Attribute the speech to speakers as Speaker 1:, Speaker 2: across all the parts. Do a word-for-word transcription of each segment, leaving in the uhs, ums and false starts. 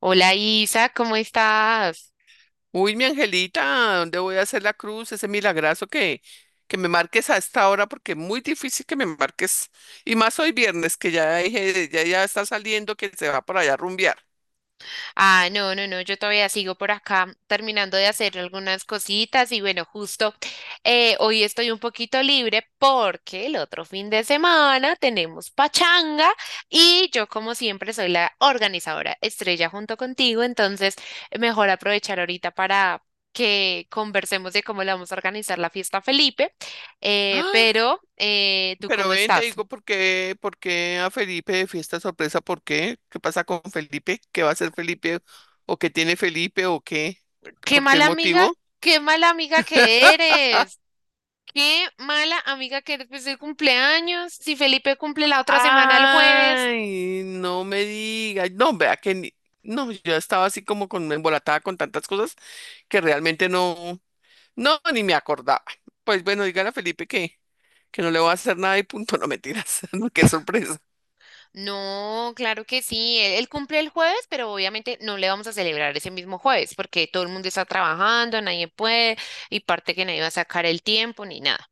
Speaker 1: Hola Isa, ¿cómo estás?
Speaker 2: Uy, mi angelita, ¿dónde voy a hacer la cruz? Ese milagrazo que, que me marques a esta hora, porque es muy difícil que me marques. Y más hoy viernes, que ya dije, ya, ya está saliendo, que se va por allá a rumbear.
Speaker 1: Ah, no, no, no, yo todavía sigo por acá terminando de hacer algunas cositas y bueno, justo eh, hoy estoy un poquito libre porque el otro fin de semana tenemos pachanga y yo como siempre soy la organizadora estrella junto contigo, entonces mejor aprovechar ahorita para que conversemos de cómo le vamos a organizar la fiesta a Felipe, eh,
Speaker 2: ah
Speaker 1: pero eh, ¿tú
Speaker 2: Pero
Speaker 1: cómo
Speaker 2: ven, te
Speaker 1: estás?
Speaker 2: digo por qué, por qué a Felipe de fiesta sorpresa, ¿por qué? ¿Qué pasa con Felipe? ¿Qué va a hacer Felipe? ¿O qué tiene Felipe? ¿O qué?
Speaker 1: Qué
Speaker 2: ¿Por qué
Speaker 1: mala amiga,
Speaker 2: motivo?
Speaker 1: qué mala amiga que eres. Qué mala amiga que eres. Pues el cumpleaños. Si Felipe cumple la otra semana el jueves.
Speaker 2: Ay, no me digas. No, vea que ni- no, yo estaba así como con embolatada con tantas cosas que realmente no, no, ni me acordaba. Pues bueno, dígale a Felipe que, que no le voy a hacer nada y punto, no mentiras, no, qué sorpresa.
Speaker 1: No, claro que sí. Él, él cumple el jueves, pero obviamente no le vamos a celebrar ese mismo jueves porque todo el mundo está trabajando, nadie puede y parte que nadie va a sacar el tiempo ni nada.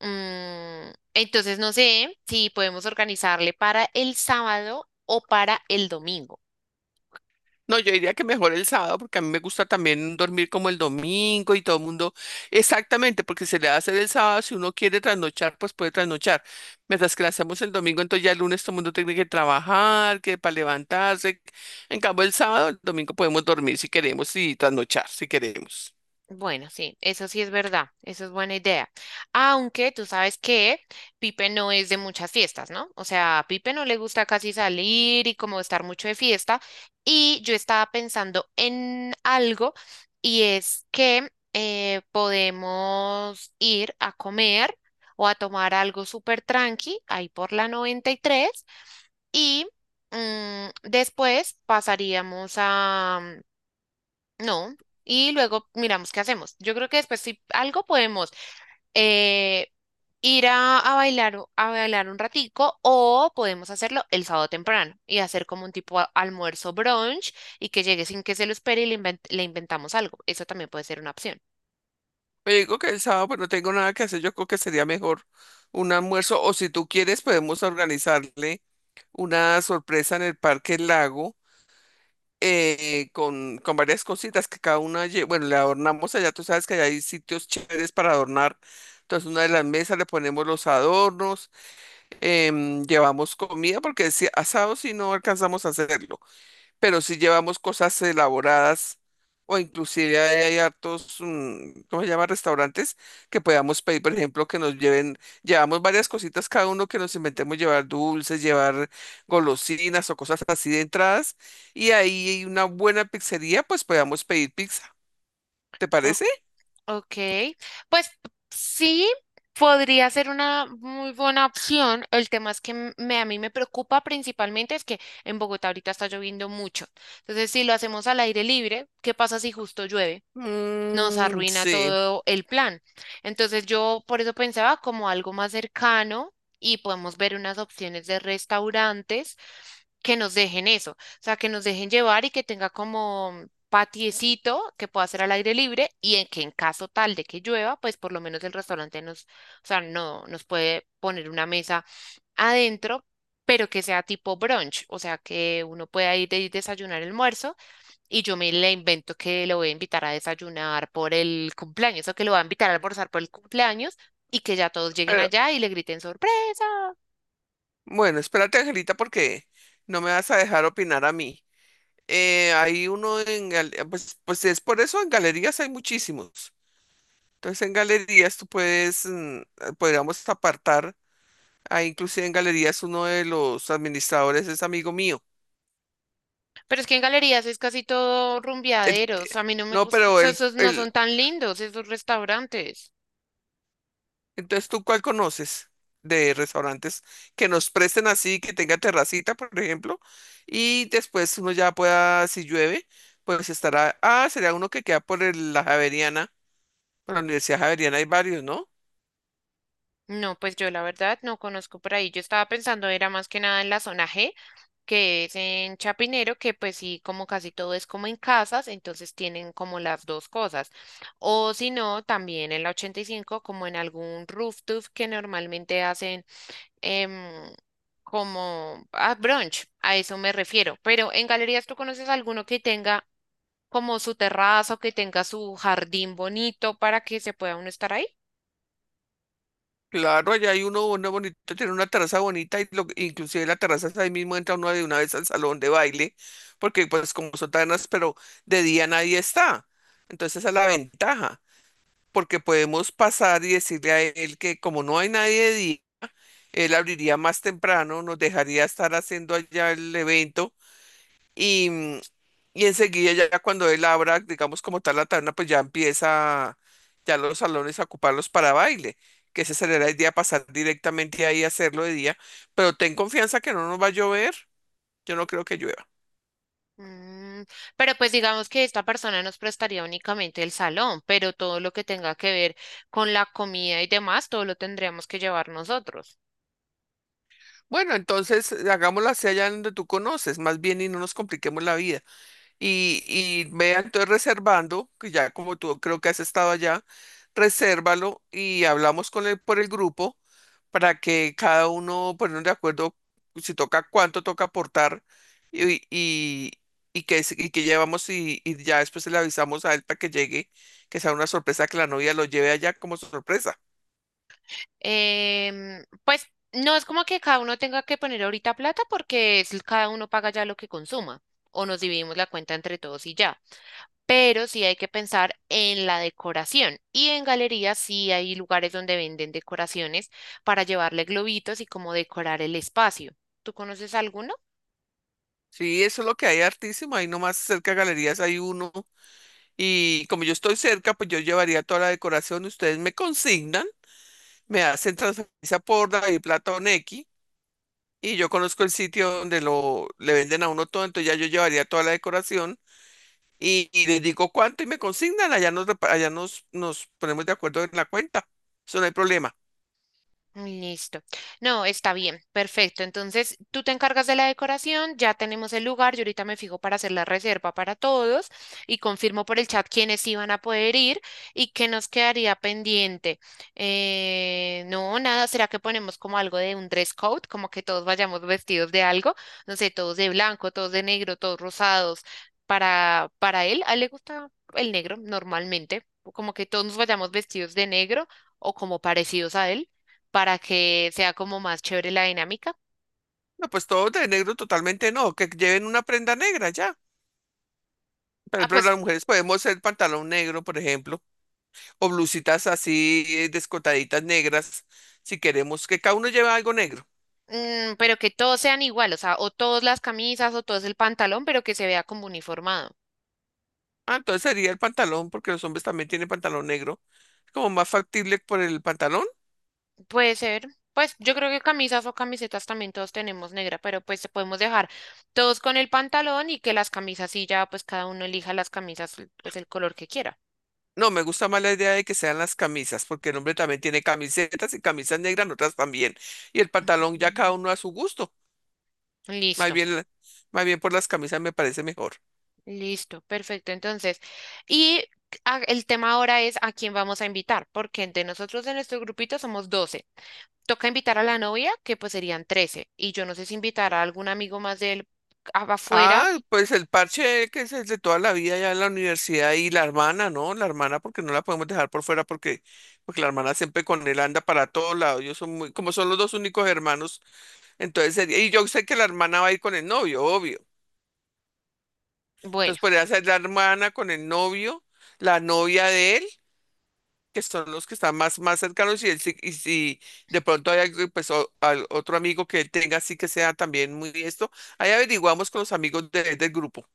Speaker 1: Mm, entonces no sé si podemos organizarle para el sábado o para el domingo.
Speaker 2: No, yo diría que mejor el sábado porque a mí me gusta también dormir como el domingo y todo el mundo. Exactamente, porque se le hace el sábado, si uno quiere trasnochar, pues puede trasnochar. Mientras que la hacemos el domingo, entonces ya el lunes todo el mundo tiene que trabajar, que para levantarse. En cambio, el sábado, el domingo podemos dormir si queremos y trasnochar si queremos.
Speaker 1: Bueno, sí, eso sí es verdad, eso es buena idea. Aunque tú sabes que Pipe no es de muchas fiestas, ¿no? O sea, a Pipe no le gusta casi salir y como estar mucho de fiesta. Y yo estaba pensando en algo y es que eh, podemos ir a comer o a tomar algo súper tranqui ahí por la noventa y tres y tres y mm, después pasaríamos a, no. Y luego miramos qué hacemos. Yo creo que después si algo podemos eh, ir a, a bailar, o- a bailar un ratico o podemos hacerlo el sábado temprano y hacer como un tipo a- almuerzo brunch y que llegue sin que se lo espere y le, invent- le inventamos algo. Eso también puede ser una opción.
Speaker 2: Pero digo que el sábado pues no tengo nada que hacer, yo creo que sería mejor un almuerzo o si tú quieres podemos organizarle una sorpresa en el Parque Lago eh, con, con varias cositas que cada una, lle- bueno, le adornamos allá, tú sabes que allá hay sitios chéveres para adornar. Entonces, una de las mesas le ponemos los adornos, em, llevamos comida, porque si asado si no alcanzamos a hacerlo pero si llevamos cosas elaboradas o inclusive hay, hay hartos, mm, ¿cómo se llama? Restaurantes que podamos pedir, por ejemplo, que nos lleven, llevamos varias cositas cada uno que nos inventemos llevar dulces, llevar golosinas o cosas así de entradas y ahí hay una buena pizzería, pues podamos pedir pizza. ¿Te parece?
Speaker 1: Ok, pues sí, podría ser una muy buena opción. El tema es que m- me, a mí me preocupa principalmente es que en Bogotá ahorita está lloviendo mucho. Entonces, si lo hacemos al aire libre, ¿qué pasa si justo llueve? Nos
Speaker 2: Mm,
Speaker 1: arruina
Speaker 2: sí.
Speaker 1: todo el plan. Entonces yo por eso pensaba como algo más cercano y podemos ver unas opciones de restaurantes que nos dejen eso, o sea, que nos dejen llevar y que tenga como patiecito que pueda ser al aire libre y en que en caso tal de que llueva, pues por lo menos el restaurante nos, o sea, no nos puede poner una mesa adentro, pero que sea tipo brunch, o sea, que uno pueda ir de desayunar, almuerzo y yo me le invento que lo voy a invitar a desayunar por el cumpleaños o que lo voy a invitar a almorzar por el cumpleaños y que ya todos lleguen
Speaker 2: Pero,
Speaker 1: allá y le griten sorpresa.
Speaker 2: bueno, espérate, Angelita, porque no me vas a dejar opinar a mí. Eh, hay uno en, gal- pues, pues es por eso en galerías hay muchísimos. Entonces en galerías tú puedes, mm, eh, podríamos apartar, ahí inclusive en galerías uno de los administradores es amigo mío.
Speaker 1: Pero es que en galerías es casi todo
Speaker 2: Él-
Speaker 1: rumbeaderos. A mí no me
Speaker 2: no,
Speaker 1: gustan,
Speaker 2: pero él,
Speaker 1: esos no
Speaker 2: él,
Speaker 1: son tan lindos esos restaurantes.
Speaker 2: entonces ¿tú cuál conoces de restaurantes que nos presten así, que tenga terracita, por ejemplo? Y después uno ya pueda, si llueve, pues estará, ah, sería uno que queda por el- la Javeriana, por la Universidad Javeriana hay varios, ¿no?
Speaker 1: No, pues yo la verdad no conozco por ahí. Yo estaba pensando era más que nada en la zona G, que es en Chapinero, que pues sí, como casi todo es como en casas, entonces tienen como las dos cosas. O si no, también en la ochenta y cinco, como en algún rooftop que normalmente hacen em, como ah, brunch, a eso me refiero. Pero en galerías, ¿tú conoces alguno que tenga como su terraza o que tenga su jardín bonito para que se pueda uno estar ahí?
Speaker 2: Claro, allá hay uno uno bonito, tiene una terraza bonita y lo, inclusive la terraza es ahí mismo entra uno de una vez al salón de baile, porque pues como son tabernas, pero de día nadie está. Entonces esa es la ventaja, porque podemos pasar y decirle a él que como no hay nadie de día, él abriría más temprano, nos dejaría estar haciendo allá el evento y, mm, y enseguida ya ya cuando él abra, digamos como tal la taberna, pues ya empieza ya los salones a ocuparlos para baile, que ese será el día pasar directamente ahí a hacerlo de día, pero ten confianza que no nos va a llover, yo no creo que llueva.
Speaker 1: Mm, pero pues digamos que esta persona nos prestaría únicamente el salón, pero todo lo que tenga que ver con la comida y demás, todo lo tendríamos que llevar nosotros.
Speaker 2: Bueno, entonces eh, hagámoslo hacia allá donde tú conoces, más bien y no nos compliquemos la vida. y, y vea entonces reservando, que ya como tú creo que has estado allá, resérvalo y hablamos con él por el grupo para que cada uno ponernos de acuerdo si toca cuánto toca aportar y, y, y que, es- y que llevamos y, y ya después le avisamos a él para que llegue, que sea una sorpresa que la novia lo lleve allá como sorpresa.
Speaker 1: Em, pues no es como que cada uno tenga que poner ahorita plata porque es, cada uno paga ya lo que consuma o nos dividimos la cuenta entre todos y ya. Pero sí hay que pensar en la decoración y en galerías sí hay lugares donde venden decoraciones para llevarle globitos y como decorar el espacio. ¿Tú conoces alguno?
Speaker 2: Sí, eso es lo que hay hartísimo, ahí nomás cerca de galerías hay uno y como yo estoy cerca, pues yo llevaría toda la decoración, ustedes me consignan. Me hacen transferencia por David Plata o Nequi y yo conozco el sitio donde lo le venden a uno todo, entonces ya yo llevaría toda la decoración y, y les digo cuánto y me consignan, allá nos repa- allá nos, nos ponemos de acuerdo en la cuenta. Eso no hay problema.
Speaker 1: Listo. No, está bien, perfecto. Entonces, tú te encargas de la decoración, ya tenemos el lugar, yo ahorita me fijo para hacer la reserva para todos y confirmo por el chat quiénes iban a poder ir y qué nos quedaría pendiente. Eh, no, nada, ¿será que ponemos como algo de un dress code? Como que todos vayamos vestidos de algo, no sé, todos de blanco, todos de negro, todos rosados. Para, para él, a él le gusta el negro normalmente, como que todos nos vayamos vestidos de negro o como parecidos a él para que sea como más chévere la dinámica.
Speaker 2: No, pues todo de negro totalmente no, que lleven una prenda negra ya. Por
Speaker 1: Ah,
Speaker 2: ejemplo,
Speaker 1: pues,
Speaker 2: las mujeres podemos hacer pantalón negro, por ejemplo, o blusitas así eh, descotaditas negras, si queremos que cada uno lleve algo negro.
Speaker 1: mm, pero que todos sean igual, o sea, o todas las camisas o todo el pantalón, pero que se vea como uniformado.
Speaker 2: Ah, entonces sería el pantalón, porque los hombres también tienen pantalón negro. Es como más factible por el pantalón.
Speaker 1: Puede ser, pues yo creo que camisas o camisetas también todos tenemos negra, pero pues podemos dejar todos con el pantalón y que las camisas sí ya, pues cada uno elija las camisas, pues el color que quiera.
Speaker 2: No, me gusta más la idea de que sean las camisas, porque el hombre también tiene camisetas y camisas negras, otras también. Y el pantalón ya cada
Speaker 1: Mm.
Speaker 2: uno a su gusto. Más
Speaker 1: Listo,
Speaker 2: bien, la- más bien por las camisas me parece mejor.
Speaker 1: listo, perfecto. Entonces, y a- el tema ahora es a quién vamos a invitar, porque entre nosotros de nuestro grupito somos doce. Toca invitar a la novia, que pues serían trece, y yo no sé si invitar a algún amigo más de él a- afuera.
Speaker 2: Ah, pues el parche que es el de toda la vida ya en la universidad y la hermana, ¿no? La hermana, porque no la podemos dejar por fuera, porque, porque la hermana siempre con él anda para todos lados. Yo son muy, como son los dos únicos hermanos. Entonces sería, y yo sé que la hermana va a ir con el novio, obvio.
Speaker 1: Bueno,
Speaker 2: Entonces podría ser la hermana con el novio, la novia de él, que son los que están más, más cercanos, y, él, sí- y si de pronto hay algo, pues, o- al- otro amigo que él tenga, así que sea también muy esto, ahí averiguamos con los amigos de- del grupo.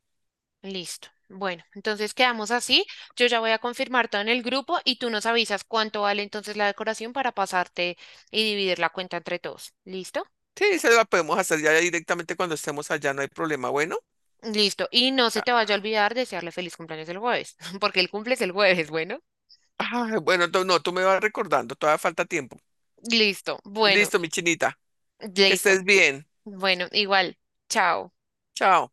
Speaker 1: listo. Bueno, entonces quedamos así. Yo ya voy a confirmar todo en el grupo y tú nos avisas cuánto vale entonces la decoración para pasarte y dividir la cuenta entre todos. ¿Listo?
Speaker 2: Sí, esa la podemos hacer ya directamente cuando estemos allá, no hay problema. Bueno.
Speaker 1: Listo. Y no se te
Speaker 2: Ah,
Speaker 1: vaya a olvidar desearle feliz cumpleaños el jueves, porque el cumple es el jueves, bueno.
Speaker 2: ah, bueno, tú- no, tú me vas recordando, todavía falta tiempo.
Speaker 1: Listo. Bueno,
Speaker 2: Listo, mi chinita, que
Speaker 1: listo.
Speaker 2: estés bien.
Speaker 1: Bueno, igual. Chao.
Speaker 2: Chao.